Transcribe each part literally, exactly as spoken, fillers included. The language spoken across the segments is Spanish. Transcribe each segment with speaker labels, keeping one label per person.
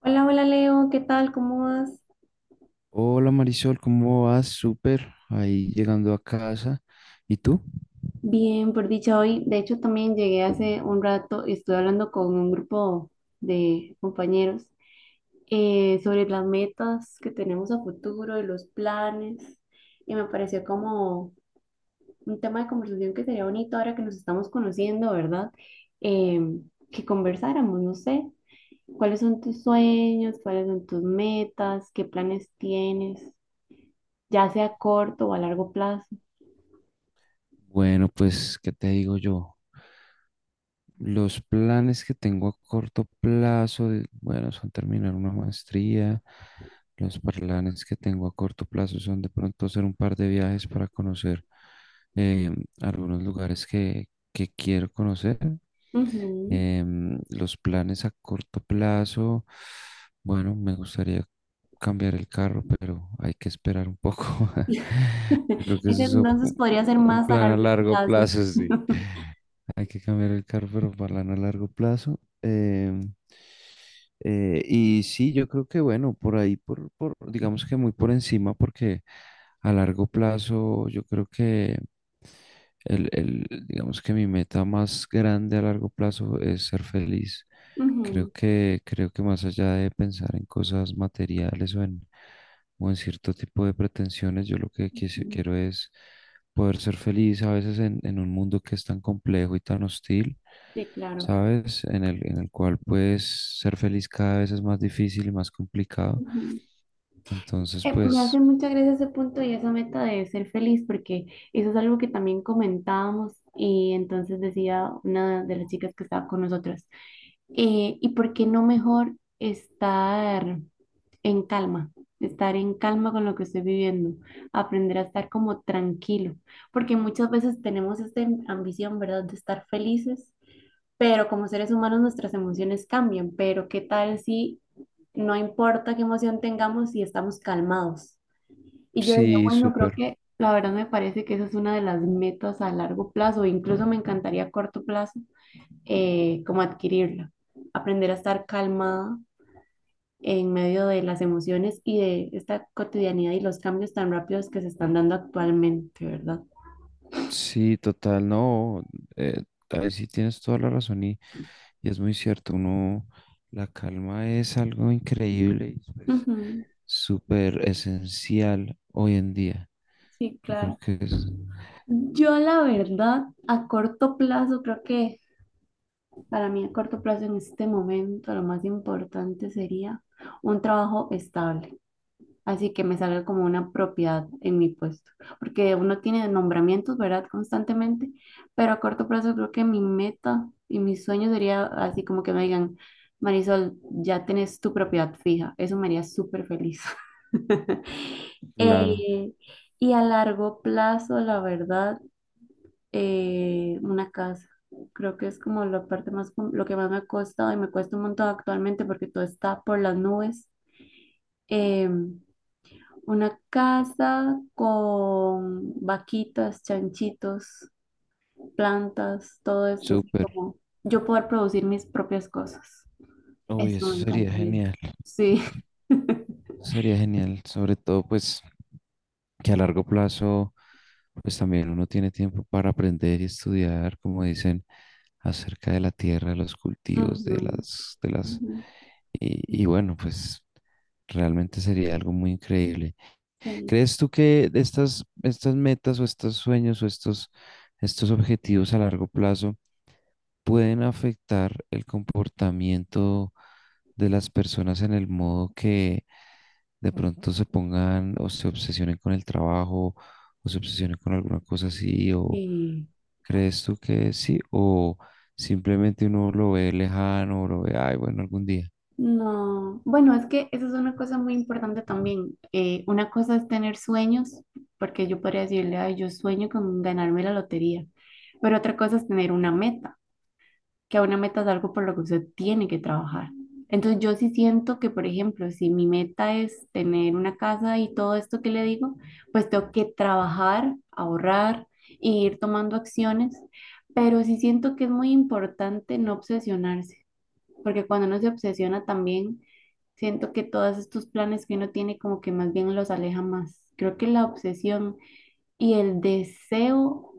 Speaker 1: Hola, hola Leo, ¿qué tal? ¿Cómo vas?
Speaker 2: Hola Marisol, ¿cómo vas? Súper, ahí llegando a casa. ¿Y tú?
Speaker 1: Bien, por dicha hoy. De hecho, también llegué hace un rato y estuve hablando con un grupo de compañeros eh, sobre las metas que tenemos a futuro y los planes. Y me pareció como un tema de conversación que sería bonito ahora que nos estamos conociendo, ¿verdad? Eh, que conversáramos, no sé, cuáles son tus sueños, cuáles son tus metas, qué planes tienes, ya sea a corto o a largo plazo.
Speaker 2: Bueno, pues, ¿qué te digo yo? Los planes que tengo a corto plazo, de- bueno, son terminar una maestría. Los planes que tengo a corto plazo son de pronto hacer un par de viajes para conocer eh, algunos lugares que, que quiero conocer.
Speaker 1: Ujú.
Speaker 2: Em, los planes a corto plazo, bueno, me gustaría cambiar el carro, pero hay que esperar un poco. Yo creo que eso
Speaker 1: Ese
Speaker 2: es un
Speaker 1: entonces podría ser
Speaker 2: un
Speaker 1: más a
Speaker 2: plan a
Speaker 1: largo
Speaker 2: largo
Speaker 1: plazo.
Speaker 2: plazo, sí. Hay que cambiar el carro, pero plan a largo plazo. Em, eh, y sí, yo creo que bueno, por ahí, por, por, digamos que muy por encima, porque a largo plazo yo creo que el, el, digamos que mi meta más grande a largo plazo es ser feliz. Creo
Speaker 1: Ujú,
Speaker 2: que, creo que más allá de pensar en cosas materiales o en, o en cierto tipo de pretensiones, yo lo que quise-
Speaker 1: ujú.
Speaker 2: quiero es poder ser feliz a veces en, en un mundo que es tan complejo y tan hostil,
Speaker 1: Sí, claro.
Speaker 2: ¿sabes? En el, en el cual pues ser feliz cada vez es más difícil y más complicado.
Speaker 1: Ujú.
Speaker 2: Entonces,
Speaker 1: Eh, me hace
Speaker 2: pues
Speaker 1: mucha gracia ese punto y esa meta de ser feliz, porque eso es algo que también comentábamos y entonces decía una de las chicas que estaba con nosotros, eh, ¿y por qué no mejor estar en calma? Estar en calma con lo que estoy viviendo, aprender a estar como tranquilo, porque muchas veces tenemos esta ambición, ¿verdad?, de estar felices, pero como seres humanos nuestras emociones cambian, pero ¿qué tal si no importa qué emoción tengamos si estamos calmados? Y yo decía,
Speaker 2: sí,
Speaker 1: bueno, creo
Speaker 2: súper.
Speaker 1: que la verdad me parece que esa es una de las metas a largo plazo, incluso me encantaría a corto plazo, eh, como adquirirla, aprender a estar calmada en medio de las emociones y de esta cotidianidad y los cambios tan rápidos que se están dando actualmente, ¿verdad?
Speaker 2: Sí, total, no. eh, Ahí sí tienes toda la razón y, y es muy cierto, uno, la calma es algo increíble y pues
Speaker 1: Ujú.
Speaker 2: súper esencial hoy en día.
Speaker 1: Sí,
Speaker 2: Yo creo
Speaker 1: claro.
Speaker 2: que es.
Speaker 1: Yo la verdad, a corto plazo creo que para mí, a corto plazo, en este momento, lo más importante sería un trabajo estable, así que me salga como una propiedad en mi puesto, porque uno tiene nombramientos, ¿verdad? Constantemente, pero a corto plazo creo que mi meta y mi sueño sería así como que me digan, Marisol, ya tenés tu propiedad fija, eso me haría súper feliz.
Speaker 2: Claro.
Speaker 1: Eh, y a largo plazo, la verdad eh, una casa. Creo que es como la parte más, com- lo que más me ha costado y me cuesta un montón actualmente porque todo está por las nubes. Em, una casa con vaquitas, chanchitos, plantas, todo esto, así
Speaker 2: Súper.
Speaker 1: como yo poder producir mis propias cosas.
Speaker 2: Uy,
Speaker 1: Eso
Speaker 2: eso
Speaker 1: me
Speaker 2: sería
Speaker 1: encantaría.
Speaker 2: genial.
Speaker 1: Sí.
Speaker 2: Eso sería genial, sobre todo pues que a largo plazo pues también uno tiene tiempo para aprender y estudiar, como dicen, acerca de la tierra, de los cultivos, de
Speaker 1: Ujú,
Speaker 2: las, de las,
Speaker 1: ujú.
Speaker 2: y, y bueno, pues realmente sería algo muy increíble.
Speaker 1: Sí.
Speaker 2: ¿Crees tú que estas, estas metas o estos sueños o estos, estos objetivos a largo plazo pueden afectar el comportamiento de las personas en el modo que de pronto se pongan o se obsesionen con el trabajo o se obsesionen con alguna cosa así, o
Speaker 1: Y
Speaker 2: crees tú que sí, o simplemente uno lo ve lejano o lo ve, ay, bueno, algún día.
Speaker 1: no, bueno, es que eso es una cosa muy importante también. Eh, una cosa es tener sueños, porque yo podría decirle, ay, yo sueño con ganarme la lotería, pero otra cosa es tener una meta, que una meta es algo por lo que usted tiene que trabajar. Entonces yo sí siento que, por ejemplo, si mi meta es tener una casa y todo esto que le digo, pues tengo que trabajar, ahorrar e ir tomando acciones, pero sí siento que es muy importante no obsesionarse, porque cuando uno se obsesiona también, siento que todos estos planes que uno tiene como que más bien los aleja más. Creo que la obsesión y el deseo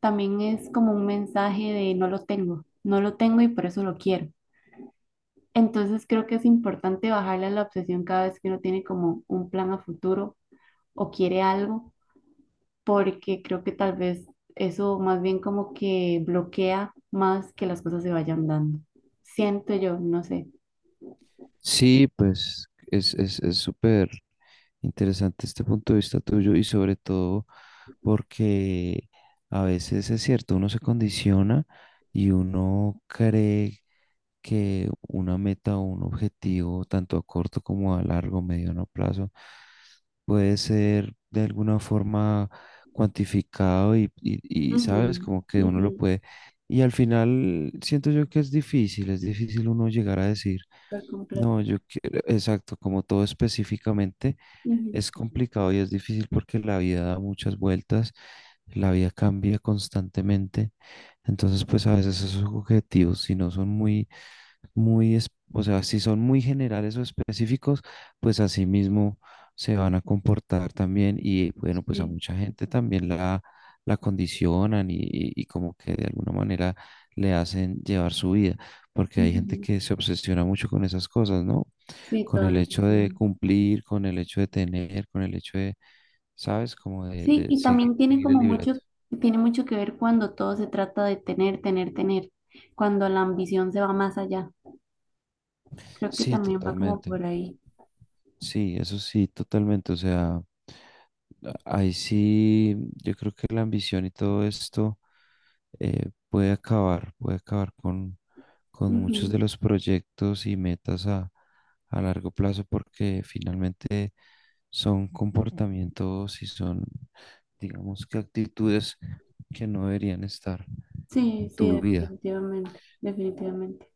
Speaker 1: también es como un mensaje de no lo tengo, no lo tengo y por eso lo quiero. Entonces creo que es importante bajarle a la obsesión cada vez que uno tiene como un plan a futuro o quiere algo, porque creo que tal vez eso más bien como que bloquea más que las cosas se vayan dando. Siento yo, no sé.
Speaker 2: Sí, pues es, es, es súper interesante este punto de vista tuyo, y sobre todo porque a veces es cierto, uno se condiciona y uno cree que una meta o un objetivo, tanto a corto como a largo, mediano plazo, puede ser de alguna forma cuantificado y, y, y,
Speaker 1: Ujú,
Speaker 2: sabes, como que uno
Speaker 1: ujú.
Speaker 2: lo puede. Y al final siento yo que es difícil, es difícil uno llegar a decir,
Speaker 1: Súper completo.
Speaker 2: no, yo quiero, exacto, como todo específicamente
Speaker 1: Ujú.
Speaker 2: es complicado y es difícil porque la vida da muchas vueltas, la vida cambia constantemente, entonces pues a veces esos objetivos, si no son muy muy, es- o sea, si son muy generales o específicos, pues así mismo se van a comportar también y bueno, pues a
Speaker 1: Sí.
Speaker 2: mucha gente también la, la condicionan y, y- y como que de alguna manera le hacen llevar su vida, porque hay gente
Speaker 1: Ujú.
Speaker 2: que se obsesiona mucho con esas cosas, ¿no?
Speaker 1: Sí,
Speaker 2: Con
Speaker 1: todo
Speaker 2: el
Speaker 1: lo que
Speaker 2: hecho de
Speaker 1: sí.
Speaker 2: cumplir, con el hecho de tener, con el hecho de, ¿sabes? Como de,
Speaker 1: Sí,
Speaker 2: de
Speaker 1: y
Speaker 2: seguir,
Speaker 1: también tiene
Speaker 2: seguir el
Speaker 1: como mucho,
Speaker 2: libreto.
Speaker 1: tiene mucho que ver cuando todo se trata de tener, tener, tener, cuando la ambición se va más allá. Creo que
Speaker 2: Sí,
Speaker 1: también va como
Speaker 2: totalmente.
Speaker 1: por ahí.
Speaker 2: Sí, eso sí, totalmente. O sea, ahí sí, yo creo que la ambición y todo esto eh, puede acabar, puede acabar con, con muchos
Speaker 1: Ujú.
Speaker 2: de los proyectos y metas a, a largo plazo, porque finalmente son comportamientos y son, digamos que actitudes que no deberían estar
Speaker 1: Sí,
Speaker 2: en
Speaker 1: sí,
Speaker 2: tu vida.
Speaker 1: definitivamente, definitivamente.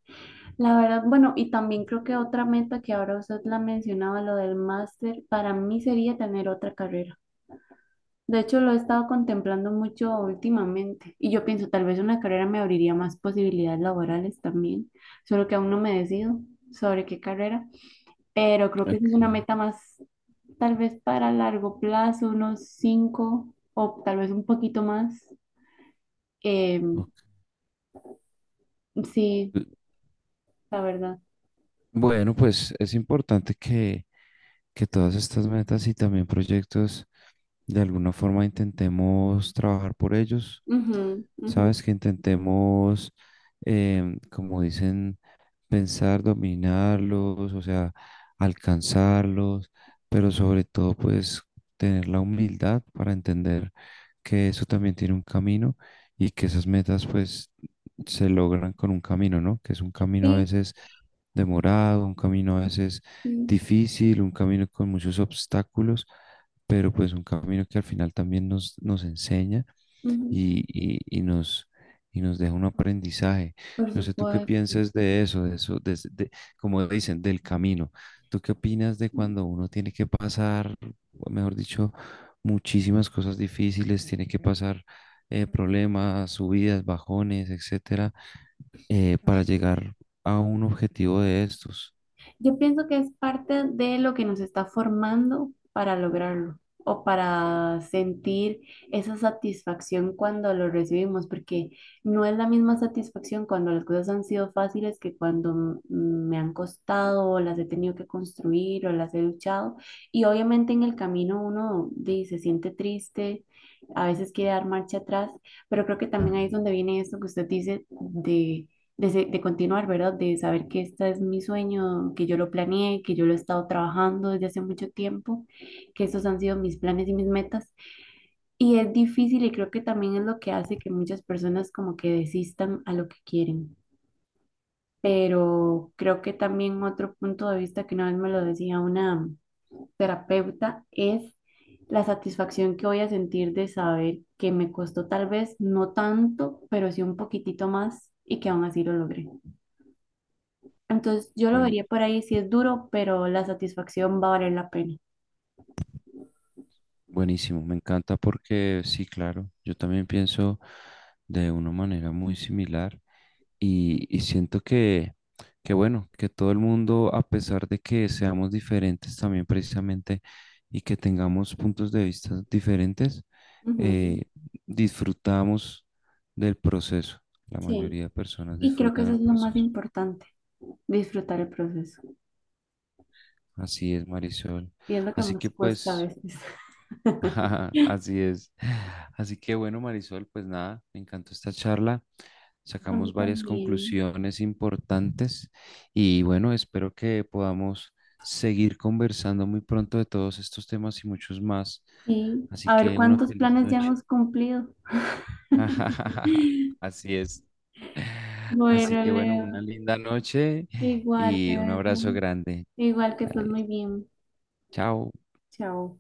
Speaker 1: La verdad, bueno, y también creo que otra meta que ahora usted la mencionaba, lo del máster, para mí sería tener otra carrera. De hecho, lo he estado contemplando mucho últimamente y yo pienso tal vez una carrera me abriría más posibilidades laborales también, solo que aún no me decido sobre qué carrera, pero creo que esa
Speaker 2: Ok,
Speaker 1: es una meta más tal vez para largo plazo, unos cinco o tal vez un poquito más. Eh,
Speaker 2: ok.
Speaker 1: sí, la verdad.
Speaker 2: Bueno, pues es importante que, que todas estas metas y también proyectos de alguna forma intentemos trabajar por ellos.
Speaker 1: Ujú, ujú.
Speaker 2: Sabes que intentemos, em, como dicen, pensar, dominarlos, o sea, alcanzarlos, pero sobre todo pues tener la humildad para entender que eso también tiene un camino y que esas metas pues se logran con un camino, ¿no? Que es un camino a
Speaker 1: Sí,
Speaker 2: veces demorado, un camino a veces
Speaker 1: sí,
Speaker 2: difícil, un camino con muchos obstáculos, pero pues un camino que al final también nos, nos enseña
Speaker 1: ujú.
Speaker 2: y, y- y nos, y nos deja un aprendizaje.
Speaker 1: Por
Speaker 2: No sé tú qué
Speaker 1: supuesto.
Speaker 2: piensas de eso, de eso, de, de- como dicen, del camino. ¿Tú qué opinas de cuando uno tiene que pasar, mejor dicho, muchísimas cosas difíciles, tiene que pasar eh, problemas, subidas, bajones, etcétera, eh, para llegar a un objetivo de estos?
Speaker 1: Yo pienso que es parte de lo que nos está formando para lograrlo o para sentir esa satisfacción cuando lo recibimos, porque no es la misma satisfacción cuando las cosas han sido fáciles que cuando m- me han costado o las he tenido que construir o las he luchado. Y obviamente en el camino uno di, se siente triste, a veces quiere dar marcha atrás, pero creo que también ahí es donde viene esto que usted dice de de, se- de continuar, ¿verdad? De saber que este es mi sueño, que yo lo planeé, que yo lo he estado trabajando desde hace mucho tiempo, que esos han sido mis planes y mis metas. Y es difícil y creo que también es lo que hace que muchas personas como que desistan a lo que quieren. Pero creo que también otro punto de vista que una vez me lo decía una terapeuta es la satisfacción que voy a sentir de saber que me costó tal vez no tanto, pero sí un poquitito más y que aún así lo logré. Entonces yo lo
Speaker 2: Buen-
Speaker 1: vería por ahí, si es duro, pero la satisfacción va a valer la pena.
Speaker 2: Buenísimo, me encanta porque sí, claro, yo también pienso de una manera muy similar. Y, y siento que, que, bueno, que todo el mundo, a pesar de que seamos diferentes también precisamente y que tengamos puntos de vista diferentes,
Speaker 1: Ujú.
Speaker 2: eh, disfrutamos del proceso. La
Speaker 1: Sí.
Speaker 2: mayoría de personas
Speaker 1: Y creo que
Speaker 2: disfrutan
Speaker 1: eso
Speaker 2: el
Speaker 1: es lo más
Speaker 2: proceso.
Speaker 1: importante, disfrutar el proceso.
Speaker 2: Así es, Marisol.
Speaker 1: Y es lo que
Speaker 2: Así
Speaker 1: más
Speaker 2: que
Speaker 1: cuesta a
Speaker 2: pues,
Speaker 1: veces.
Speaker 2: ajá, así es. Así que bueno, Marisol, pues nada, me encantó esta charla.
Speaker 1: A mí
Speaker 2: Sacamos varias
Speaker 1: también.
Speaker 2: conclusiones importantes y bueno, espero que podamos seguir conversando muy pronto de todos estos temas y muchos más.
Speaker 1: Sí,
Speaker 2: Así
Speaker 1: a ver
Speaker 2: que una
Speaker 1: cuántos
Speaker 2: feliz
Speaker 1: planes ya
Speaker 2: noche.
Speaker 1: hemos cumplido.
Speaker 2: Así es. Así
Speaker 1: Bueno,
Speaker 2: que bueno,
Speaker 1: Leo,
Speaker 2: una linda noche
Speaker 1: igual te
Speaker 2: y un
Speaker 1: dejo.
Speaker 2: abrazo grande.
Speaker 1: Igual que estés
Speaker 2: Dale,
Speaker 1: muy bien.
Speaker 2: chao.
Speaker 1: Chao.